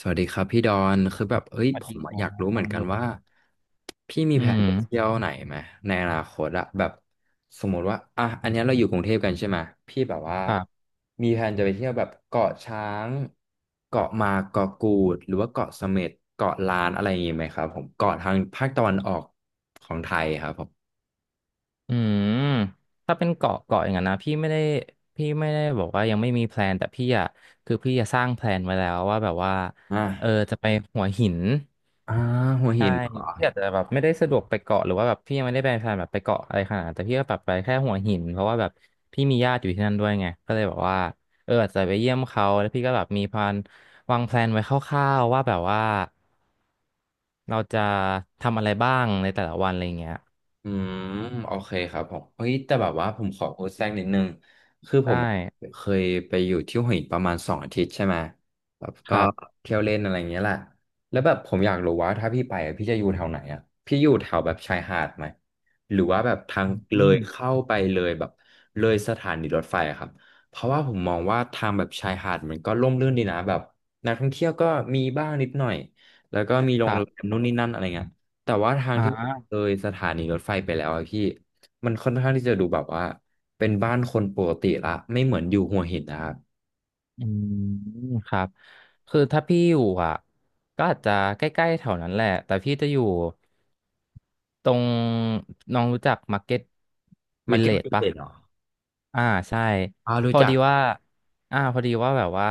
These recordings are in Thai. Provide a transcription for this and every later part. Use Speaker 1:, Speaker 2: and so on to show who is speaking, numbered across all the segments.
Speaker 1: สวัสดีครับพี่ดอนคือแบบเอ้ย
Speaker 2: สวัส
Speaker 1: ผ
Speaker 2: ดี
Speaker 1: ม
Speaker 2: ค
Speaker 1: อะอ
Speaker 2: รั
Speaker 1: ยาก
Speaker 2: บ
Speaker 1: รู้เห
Speaker 2: น้
Speaker 1: มื
Speaker 2: อ
Speaker 1: อ
Speaker 2: ง
Speaker 1: นกั
Speaker 2: โย
Speaker 1: นว่าพี่มี
Speaker 2: อื
Speaker 1: แผน
Speaker 2: ม
Speaker 1: จะเที่ยวไหนไหมในอนาคตอะแบบสมมติว่าอ่ะอันเนี้ยเราอยู่กรุงเทพกันใช่ไหมพี่แบบว่า
Speaker 2: ครับ
Speaker 1: มีแผนจะไปเที่ยวแบบเกาะช้างเกาะมาเกาะกูดหรือว่าเกาะเสม็ดเกาะล้านอะไรอย่างงี้ไหมครับผมเกาะทางภาคตะวันออกของไทยครับผม
Speaker 2: อืมถ้าเป็นเกาะเกาะอย่างนั้นนะพี่ไม่ได้บอกว่ายังไม่มีแพลนแต่พี่อะคือพี่จะสร้างแพลนไว้แล้วว่าแบบว่า
Speaker 1: อ่ะ
Speaker 2: จะไปหัวหิน
Speaker 1: อ่าหัว
Speaker 2: ใช่
Speaker 1: หินเหรอ
Speaker 2: พี่อาจจะแบบไม่ได้สะดวกไปเกาะหรือว่าแบบพี่ยังไม่ได้ไปแพลนแบบไปเกาะอะไรขนาดนั้นแต่พี่ก็แบบไปแค่หัวหินเพราะว่าแบบพี่มีญาติอยู่ที่นั่นด้วยไงก็เลยแบบว่าอาจจะไปเยี่ยมเขาแล้วพี่ก็แบบมีแพลนวางแพลนไว้คร่าวๆว่าแบบว่าเราจะทำอะไรบ้างในแต่ละวันอะไรเงี้ย
Speaker 1: อืมโอเคครับผมเฮ้ยแต่แบบว่าผมขอโพสต์แทรกนิดนึงคือผ
Speaker 2: ได้
Speaker 1: มเคยไปอยู่ที่หัวหินประมาณ2 อาทิตย์ใช่ไหมแบบ
Speaker 2: ค
Speaker 1: ก็
Speaker 2: รับ
Speaker 1: เที่ยวเล่นอะไรอย่างเงี้ยแหละแล้วแบบผมอยากรู้ว่าถ้าพี่ไปอะพี่จะอยู่แถวไหนอ่ะพี่อยู่แถวแบบชายหาดไหมหรือว่าแบบทางเล
Speaker 2: อื
Speaker 1: ย
Speaker 2: ม
Speaker 1: เข้าไปเลยแบบเลยสถานีรถไฟอะครับเพราะว่าผมมองว่าทางแบบชายหาดมันก็ร่มรื่นดีนะแบบนักท่องเที่ยวก็มีบ้างนิดหน่อยแล้วก็มีโร
Speaker 2: ค
Speaker 1: ง
Speaker 2: รั
Speaker 1: แรม
Speaker 2: บ
Speaker 1: นู่นนี่นั่นอะไรเงี้ย แต่ว่าทาง
Speaker 2: อ
Speaker 1: ที่แบบ
Speaker 2: ่า
Speaker 1: เลยสถานีรถไฟไปแล้วอะพี่มันค่อนข้างที่จะดูแบบว่าเป็นบ้านคนปกติละไม่เหมือนอยู่หัวหินนะครับ
Speaker 2: อืมครับคือถ้าพี่อยู่อ่ะก็อาจจะใกล้ๆแถวนั้นแหละแต่พี่จะอยู่ ตรงน้องรู้จักมาร์เก็ต
Speaker 1: มา
Speaker 2: วิล
Speaker 1: เก็
Speaker 2: เล
Speaker 1: ตดิ
Speaker 2: จ
Speaker 1: เเก
Speaker 2: ปะ
Speaker 1: ็นเหรอ
Speaker 2: อ่าใช่
Speaker 1: อ่า
Speaker 2: พ
Speaker 1: รู้
Speaker 2: อ
Speaker 1: จัก
Speaker 2: ดี
Speaker 1: ครั
Speaker 2: ว่า
Speaker 1: บ
Speaker 2: พอดีว่าแบบว่า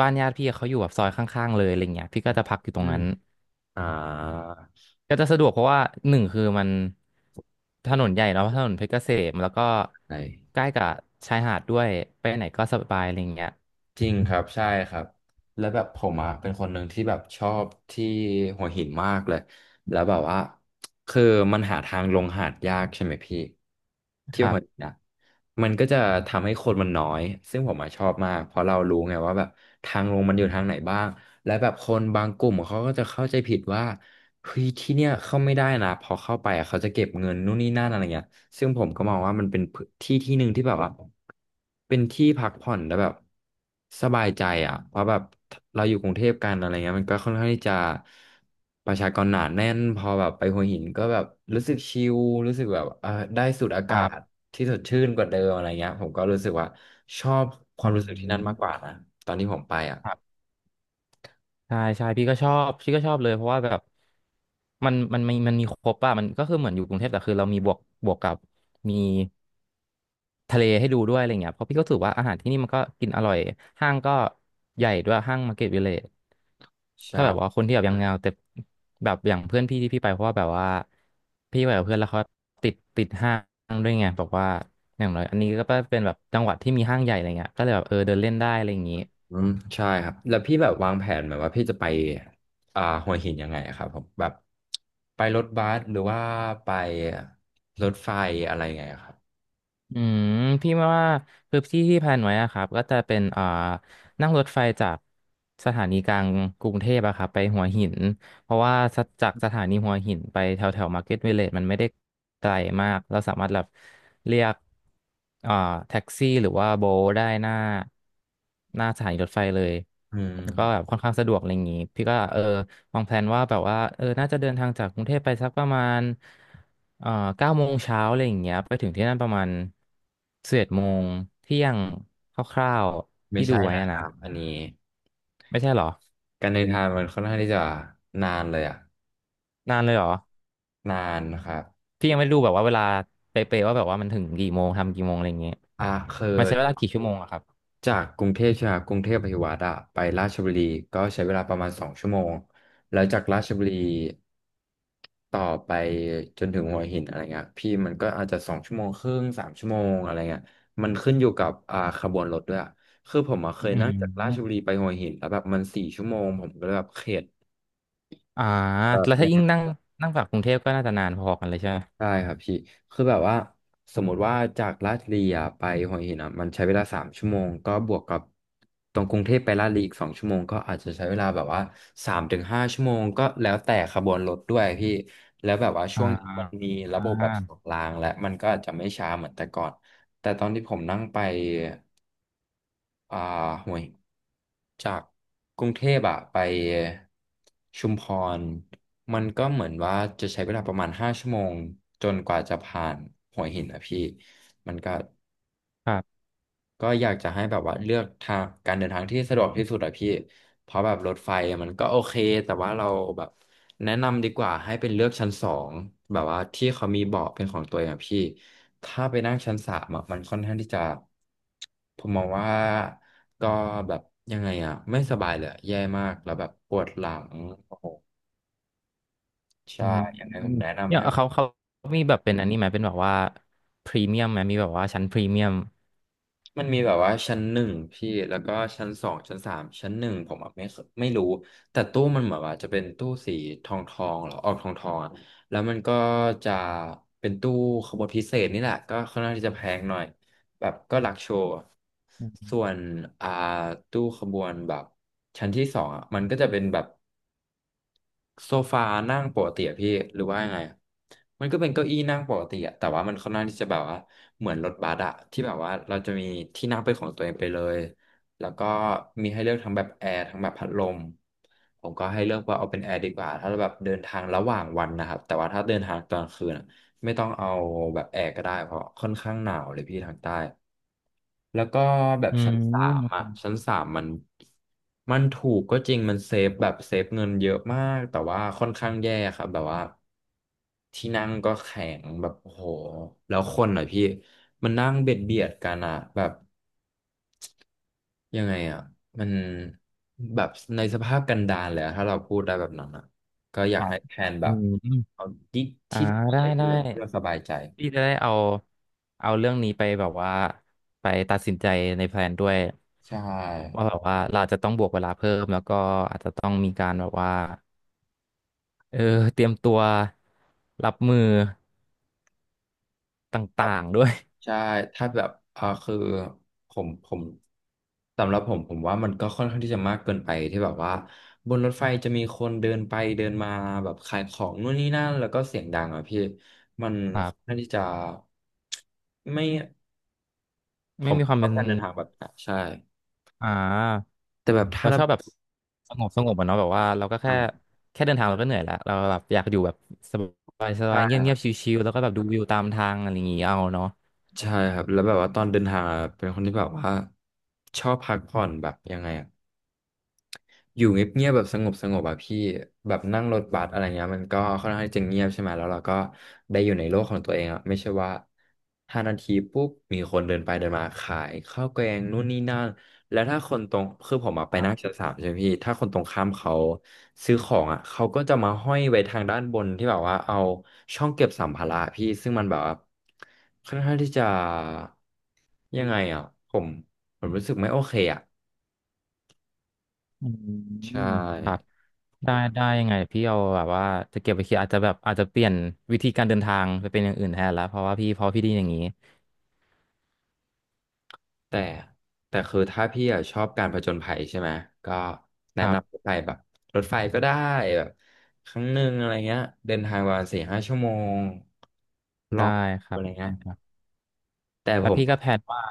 Speaker 2: บ้านญาติพี่เขาอยู่แบบซอยข้างๆเลยอะไรเงี้ยพี่ก็จะพักอยู่ตร
Speaker 1: อื
Speaker 2: ง
Speaker 1: ม
Speaker 2: นั้น
Speaker 1: อ่า
Speaker 2: ก็จะสะดวกเพราะว่า1คือมันถนนใหญ่เนาะถนนเพชรเกษมแล้วก็
Speaker 1: ใช่
Speaker 2: ใกล้กับชายหาดด้วยไปไหนก็สบายอะไรเงี้ย
Speaker 1: จริงครับใช่ครับแล้วแบบผมอ่ะเป็นคนหนึ่งที่แบบชอบที่หัวหินมากเลยแล้วแบบว่าคือมันหาทางลงหาดยากใช่ไหมพี่ที่
Speaker 2: ครั
Speaker 1: หัว
Speaker 2: บ
Speaker 1: หินนะมันก็จะทำให้คนมันน้อยซึ่งผมอ่ะชอบมากเพราะเรารู้ไงว่าแบบทางลงมันอยู่ทางไหนบ้างและแบบคนบางกลุ่มเขาก็จะเข้าใจผิดว่าเฮ้ยที่เนี่ยเข้าไม่ได้นะพอเข้าไปอะเขาจะเก็บเงินนู่นนี่นั่นอะไรเงี้ย ซึ่งผมก็มองว่ามันเป็นพื้นที่ที่หนึ่งที่แบบว่าเป็นที่พักผ่อนแล้วแบบสบายใจอ่ะเพราะแบบเราอยู่กรุงเทพกันอะไรเงี้ยมันก็ค่อนข้างที่จะประชากรหนาแน่นพอแบบไปหัวหินก็แบบรู้สึกชิลรู้สึกแบบได้สูดอา
Speaker 2: ค
Speaker 1: กา
Speaker 2: รั
Speaker 1: ศ
Speaker 2: บ
Speaker 1: ที่สดชื่นกว่าเดิมอะไรเงี้ยผมก็รู้สึกว่าชอบควา
Speaker 2: อื
Speaker 1: มรู้สึกที่นั่น
Speaker 2: ม
Speaker 1: มากกว่านะตอนที่ผมไปอ่ะ
Speaker 2: ใช่ใช่พี่ก็ชอบพี่ก็ชอบเลยเพราะว่าแบบมันมีครบอะมันก็คือเหมือนอยู่กรุงเทพแต่คือเรามีบวกกับมีทะเลให้ดูด้วยอะไรเงี้ยเพราะพี่ก็รู้สึกว่าอาหารที่นี่มันก็กินอร่อยห้างก็ใหญ่ด้วยห้างมาร์เก็ตวิลเลจถ้าแบบว่า
Speaker 1: ใช่
Speaker 2: คนที่แบบยังเงาแต่แบบอย่างเพื่อนพี่ที่พี่ไปเพราะว่าแบบว่าพี่ไปกับเพื่อนแล้วเขาติดห้างด้วยไงแบบว่าอย่างน้อยอันนี้ก็เป็นแบบจังหวัดที่มีห้างใหญ่อะไรเงี้ยก็เลยแบบเดินเล่นได้อะไรอย่างงี้
Speaker 1: อืมใช่ครับแล้วพี่แบบวางแผนแบบว่าพี่จะไปหัวหินยังไงอะครับผมแบบไปรถบัสหรือว่าไปรถไฟอะไรไงอะครับ
Speaker 2: อืมพี่ว่าคือที่ที่แพลนไว้อะครับก็จะเป็นนั่งรถไฟจากสถานีกลางกรุงเทพอะครับไปหัวหินเพราะว่าจากสถานีหัวหินไปแถวแถวมาร์เก็ตวิลเลจมันไม่ได้ไกลมากเราสามารถแบบเรียกเอ่อแท็กซี่หรือว่าโบทได้หน้าสถานีรถไฟเลย
Speaker 1: อืม
Speaker 2: แล้วก็แบบค่อนข้างสะดวกอะไรอย่างงี้พี่ก็วางแผนว่าแบบว่าน่าจะเดินทางจากกรุงเทพไปสักประมาณเอ่อ9 โมงเช้าอะไรอย่างเงี้ยไปถึงที่นั่นประมาณ11 โมงเที่ยงคร่าวๆ
Speaker 1: ไม่
Speaker 2: ที่ดู
Speaker 1: ใช่
Speaker 2: ไว้
Speaker 1: นะ
Speaker 2: อะ
Speaker 1: ค
Speaker 2: นะ
Speaker 1: รับอันนี้
Speaker 2: ไม่ใช่เหรอ
Speaker 1: การเดินทางมันค่อนข้างที่จะนานเลยอะ
Speaker 2: นานเลยเหรอ
Speaker 1: นานนะครับ
Speaker 2: พี่ยังไม่รู้แบบว่าเวลาเป๊ะๆว่าแบบว่ามันถึงกี่โมงทำกี่โมงอะไรอย่างเงี้ย
Speaker 1: อ่าคือ
Speaker 2: มันใช้เวลากี่ชั่วโมงอะครับ
Speaker 1: จากกรุงเทพใช่ไหมครับกรุงเทพอภิวัฒ์อะไปราชบุรีก็ใช้เวลาประมาณสองชั่วโมงแล้วจากราชบุรีต่อไปจนถึงหัวหินอะไรเงี้ยพี่มันก็อาจจะ2 ชั่วโมงครึ่งสามชั่วโมงอะไรเงี้ยมันขึ้นอยู่กับขบวนรถด้วยอะคือผมอะเคย
Speaker 2: อื
Speaker 1: นั่งจากราช
Speaker 2: ม
Speaker 1: บุรีไปหัวหินแล้วแบบมัน4 ชั่วโมงผมก็เลยแบบเข็ด
Speaker 2: อ่าแล้วถ้ายิ่งนั่งนั่งจากกรุงเทพก็น่าจะนานพอกันเลยใช่ไหม
Speaker 1: ใช่ครับพี่คือแบบว่าสมมติว่าจากลาดบุรีอะไปหัวหินอ่ะมันใช้เวลาสามชั่วโมงก็บวกกับตรงกรุงเทพไปลาดบุรีอีกสองชั่วโมงก็อาจจะใช้เวลาแบบว่า3-5 ชั่วโมงก็แล้วแต่ขบวนรถด้วยพี่แล้วแบบว่าช่
Speaker 2: อ่า
Speaker 1: วงนี้มันมีระ
Speaker 2: อ่า
Speaker 1: บบแบบ2 รางและมันก็อาจจะไม่ช้าเหมือนแต่ก่อนแต่ตอนที่ผมนั่งไป อ่าห่วยจากกรุงเทพอะไปชุมพรมันก็เหมือนว่าจะใช้เวลาประมาณห้าชั่วโมงจนกว่าจะผ่านหัวหินอะพี่มันก็
Speaker 2: ครับ
Speaker 1: ก็อยากจะให้แบบว่าเลือกทางการเดินทางที่สะดวกที่สุดอะพี่เพราะแบบรถไฟมันก็โอเคแต่ว่าเราแบบแนะนำดีกว่าให้เป็นเลือกชั้นสองแบบว่าที่เขามีเบาะเป็นของตัวเองอะพี่ถ้าไปนั่งชั้นสามอะมันค่อนข้างที่จะผมมองว่าก็แบบยังไงอะไม่สบายเลยอะแย่มากแล้วแบบปวดหลังโอ้โห
Speaker 2: อื
Speaker 1: ใช่
Speaker 2: ม
Speaker 1: ยังไงผมแนะนำ
Speaker 2: เนี่ย
Speaker 1: ให้
Speaker 2: เขามีแบบเป็นอันนี้ไหมเป็นแบบว่าพรีเมียมไหมมีแบบว่าชั้นพรีเมียม
Speaker 1: มันมีแบบว่าชั้นหนึ่งพี่แล้วก็ชั้นสองชั้นสามชั้นหนึ่งผมอะไม่เคไม่รู้แต่ตู้มันเหมือนว่าจะเป็นตู้สีทองทองหรอออกทองทองอะแล้วมันก็จะเป็นตู้ขบวนพิเศษนี่แหละก็ค่อนข้างที่จะแพงหน่อยแบบก็หลักโชว์อะส่วนอ่าตู้ขบวนแบบชั้นที่สองอ่ะมันก็จะเป็นแบบ โซฟานั่งปกติอะพี่หรือว่ายังไงอะมันก็เป็นเก้าอี้นั่งปกติอะแต่ว่ามันค่อนข้างที่จะแบบว่าเหมือนรถบัสอะที่แบบว่าเราจะมีที่นั่งเป็นของตัวเองไปเลยแล้วก็มีให้เลือกทั้งแบบแอร์ทั้งแบบพัดลมผมก็ให้เลือกว่าเอาเป็นแอร์ดีกว่าถ้าเราแบบเดินทางระหว่างวันนะครับแต่ว่าถ้าเดินทางตอนกลางคืนอะไม่ต้องเอาแบบแอร์ก็ได้เพราะค่อนข้างหนาวเลยพี่ทางใต้ แล้วก็แบบ
Speaker 2: อื
Speaker 1: ชั้นสาม
Speaker 2: ม
Speaker 1: อ่ะชั้นสามมันถูกก็จริงมันเซฟแบบเซฟเงินเยอะมากแต่ว่าค่อนข้างแย่ครับแบบว่าที่นั่งก็แข็งแบบโอ้โหแล้วคนอ่ะพี่มันนั่งเบียดเบียดกันอ่ะแบบยังไงอ่ะมันแบบในสภาพกันดารเลยอะถ้าเราพูดได้แบบนั้นอ่ะก็อ
Speaker 2: ค
Speaker 1: ยาก
Speaker 2: รับ
Speaker 1: ให้แพลนแบ
Speaker 2: อื
Speaker 1: บ
Speaker 2: ม
Speaker 1: เอาที่
Speaker 2: อ่า
Speaker 1: ที่
Speaker 2: ได้
Speaker 1: ใส่
Speaker 2: ได้
Speaker 1: เพื่อสบายใจ
Speaker 2: พี่จะได้เอาเรื่องนี้ไปแบบว่า ไปตัดสินใจในแพลนด้วย
Speaker 1: ใช่
Speaker 2: ว่าแบบว่าเราจะต้องบวกเวลาเพิ่มแล้วก็อาจจะต้องมีการแบบว่าเออเตรียมตัวรับมือต
Speaker 1: ครั
Speaker 2: ่า
Speaker 1: บ
Speaker 2: งๆด้วย
Speaker 1: ใช่ถ้าแบบคือผมสำหรับผมว่ามันก็ค่อนข้างที่จะมากเกินไปที่แบบว่าบนรถไฟจะมีคนเดินไปเดินมาแบบขายของนู่นนี่นั่นแล้วก็เสียงดังอ่ะพี่มัน
Speaker 2: ครั
Speaker 1: ค่อน
Speaker 2: บ
Speaker 1: ข้างที่จะไม่ผ
Speaker 2: ไม่
Speaker 1: ม
Speaker 2: มีควา
Speaker 1: ช
Speaker 2: ม
Speaker 1: อ
Speaker 2: เป็
Speaker 1: บ
Speaker 2: น
Speaker 1: การเดินทางแบบนั้นใช่
Speaker 2: อ่า
Speaker 1: แต่แบบถ้า
Speaker 2: เรา
Speaker 1: เรา
Speaker 2: ชอบแบบสงบสงบอะเนาะแบบว่าเราก็
Speaker 1: ไป
Speaker 2: แค่
Speaker 1: อะ
Speaker 2: แค่เดินทางเราก็เหนื่อยแล้วเราแบบอยากอยู่แบบสบายส
Speaker 1: ใช่
Speaker 2: บาย
Speaker 1: ค
Speaker 2: เงียบเงี
Speaker 1: รั
Speaker 2: ยบช
Speaker 1: บ
Speaker 2: ิวๆแล้วก็แบบดูวิวตามทางอะไรอย่างงี้เอาเนาะ
Speaker 1: ใช่ครับแล้วแบบว่าตอนเดินทางอะเป็นคนที่แบบว่าชอบพักผ่อนแบบยังไงอ่ะ อยู่เงียบๆแบบสงบสงบอะพี่แบบนั่งรถบัสอะไรเงี้ยมันก็ค่อนข้างที่จะเงียบใช่ไหมแล้วเราก็ได้อยู่ในโลกของตัวเองอะไม่ใช่ว่า5 นาทีปุ๊บมีคนเดินไปเดินมาขายข้าวแกงนู่นนี่นั่นแล้วถ้าคนตรงคือผมอะ
Speaker 2: ค
Speaker 1: ไป
Speaker 2: รั
Speaker 1: นั่
Speaker 2: บ
Speaker 1: งชั้นสามใช่ไหมพี่ถ้าคนตรงข้ามเขาซื้อของอะเขาก็จะมาห้อยไว้ทางด้านบนที่แบบว่าเอาช่องเก็บสัมภาระพี่ซึ่งมันแบบว่าค่อนข้างที่จะยังไงอะผมรู้สึกไม่โอเคอะ
Speaker 2: อื
Speaker 1: ใช่
Speaker 2: มครับได้ได้ยังไงพี่เอาแบบว่าจะเก็บไปคิดอาจจะแบบอาจจะเปลี่ยนวิธีการเดินทางไปเป็นอย่างอื่นแทนแล้วเพราะว่าพี่พอพี่ไดีอย่างนี้
Speaker 1: แต่คือถ้าพี่อะชอบการผจญภัยใช่ไหมก็แนะ
Speaker 2: ครับ
Speaker 1: นำไปแบบรถไฟก็ได้แบบครั้งหนึ่งอะไรเงี้ยเดินทางประมาณ4-5 ชั่วโมงลอ
Speaker 2: ได้
Speaker 1: ง
Speaker 2: ครั
Speaker 1: อะ
Speaker 2: บ
Speaker 1: ไรเงี้
Speaker 2: ได้
Speaker 1: ย
Speaker 2: ครับ
Speaker 1: แต่
Speaker 2: แล้
Speaker 1: ผ
Speaker 2: ว
Speaker 1: ม
Speaker 2: พี่ก็แพลนว่า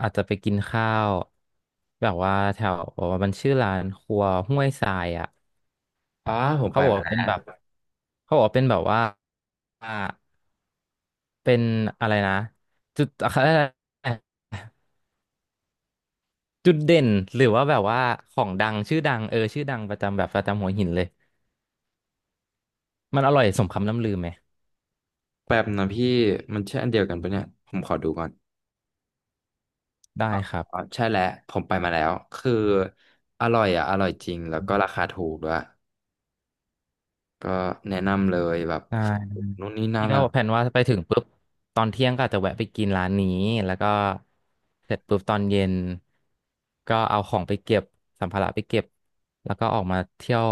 Speaker 2: อาจจะไปกินข้าวแบบว่าแถวมันชื่อร้านครัวห้วยทรายอ่ะ
Speaker 1: อ๋อผม
Speaker 2: เขา
Speaker 1: ไป
Speaker 2: บอก
Speaker 1: มา
Speaker 2: ว่า
Speaker 1: แล้ว
Speaker 2: เป็นแบบเขาบอกว่าเป็นแบบว่าอ่าเป็นอะไรนะจุดอะไรนะจุดเด่นหรือว่าแบบว่าของดังชื่อดังประจำแบบประจำหัวหินเลยมันอร่อยสมคำล่ำลือไหม
Speaker 1: แป๊บนะพี่มันใช่อันเดียวกันปะเนี่ยผมขอดูก่อน
Speaker 2: ได้ครั
Speaker 1: อ๋อ
Speaker 2: บ
Speaker 1: ใช่แล้วผมไปมาแล้วคืออร่อยอ่ะอร่อยจริงแล้วก็ราคาถูกด้วยก็แนะนำเลยแบบ
Speaker 2: ได้
Speaker 1: นู่นนี่นั่
Speaker 2: พี่
Speaker 1: น
Speaker 2: ก็
Speaker 1: อะ
Speaker 2: แผนว่าไปถึงปุ๊บตอนเที่ยงก็อาจจะแวะไปกินร้านนี้แล้วก็เสร็จปุ๊บตอนเย็นก็เอาของไปเก็บสัมภาระไปเก็บแล้วก็ออกมาเที่ยว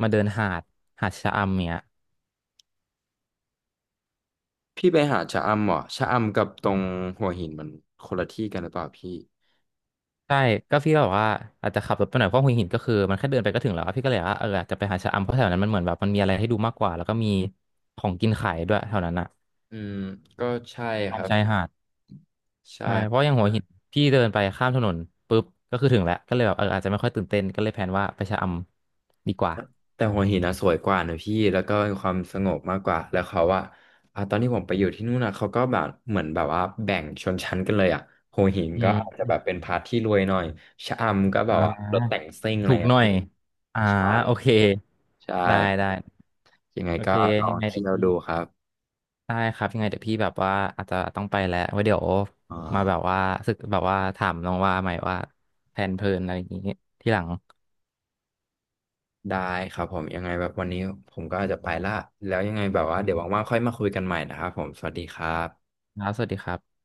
Speaker 2: มาเดินหาดหาดชะอำเนี่ย
Speaker 1: พี่ไปหาชะอำเหรอชะอำกับตรงหัวหินมันคนละที่กันหรือเปล่าพี่
Speaker 2: ใช่ก็พี่ก็บอบว่าอาจจะขับรถไปหน่อยเพราะหัวหินก็คือมันแค่เดินไปก็ถึงแล้วอะพี่ก็เลยว่าอาจจะไปหาชะอำเพราะแถวนั้นมันเหมือนแบบมันมีอะไรให้ดูมากกว่าแล้วก็มีของกินขายด้วยแถวนั้นอะ
Speaker 1: อืมก็ใช่ค
Speaker 2: ตาม
Speaker 1: รับ
Speaker 2: ชายหาด
Speaker 1: ใช่
Speaker 2: ใช่เพราะอย่างหัวหินพี่เดินไปข้ามถนนปุ๊บก็คือถึงแล้วก็เลยแบบอาจจะไม่ค่อยตื่นเต้นก็เลยแพลนว่าไปชะอำดีกว่า
Speaker 1: แต่หัวหินนะสวยกว่านะพี่แล้วก็มีความสงบมากกว่าแล้วเขาว่าอ่ะตอนที่ผมไปอยู่ที่นู่นนะเขาก็แบบเหมือนแบบว่าแบ่งชนชั้นกันเลยอ่ะหัวหิน
Speaker 2: อื
Speaker 1: ก็อาจจะแบ
Speaker 2: ม
Speaker 1: บเป็นพาร์ทที่รวยหน่อยชะอำก็แบ
Speaker 2: อ่
Speaker 1: บว่ารถแต่ง
Speaker 2: า
Speaker 1: ซิ่งอะ
Speaker 2: ถู
Speaker 1: ไร
Speaker 2: กห
Speaker 1: อ่ะ
Speaker 2: น่อย
Speaker 1: พี่
Speaker 2: อ่า
Speaker 1: ใช่
Speaker 2: โอเค
Speaker 1: ใช่
Speaker 2: ได้
Speaker 1: ครับ
Speaker 2: ได้
Speaker 1: ยังไง
Speaker 2: โอ
Speaker 1: ก็
Speaker 2: เค
Speaker 1: ลอ
Speaker 2: ยั
Speaker 1: ง
Speaker 2: งไงเดี๋
Speaker 1: เที่
Speaker 2: ยว
Speaker 1: ยว
Speaker 2: พี่
Speaker 1: ดูครับ
Speaker 2: ได้ครับยังไงเดี๋ยวพี่แบบว่าอาจจะต้องไปแล้วไว้เดี๋ยว
Speaker 1: อ่
Speaker 2: มาแบบ
Speaker 1: า
Speaker 2: ว่าสึกแบบว่าถามน้องว่าใหม่ว่าแผนเพลินอะไรอย่างนี้ที่หลัง
Speaker 1: ได้ครับผมยังไงแบบวันนี้ผมก็อาจจะไปละแล้วยังไงแบบว่าเดี๋ยวว่างๆค่อยมาคุยกันใหม่นะครับผมสวัสดีครับ
Speaker 2: ครับสวัสดีครับ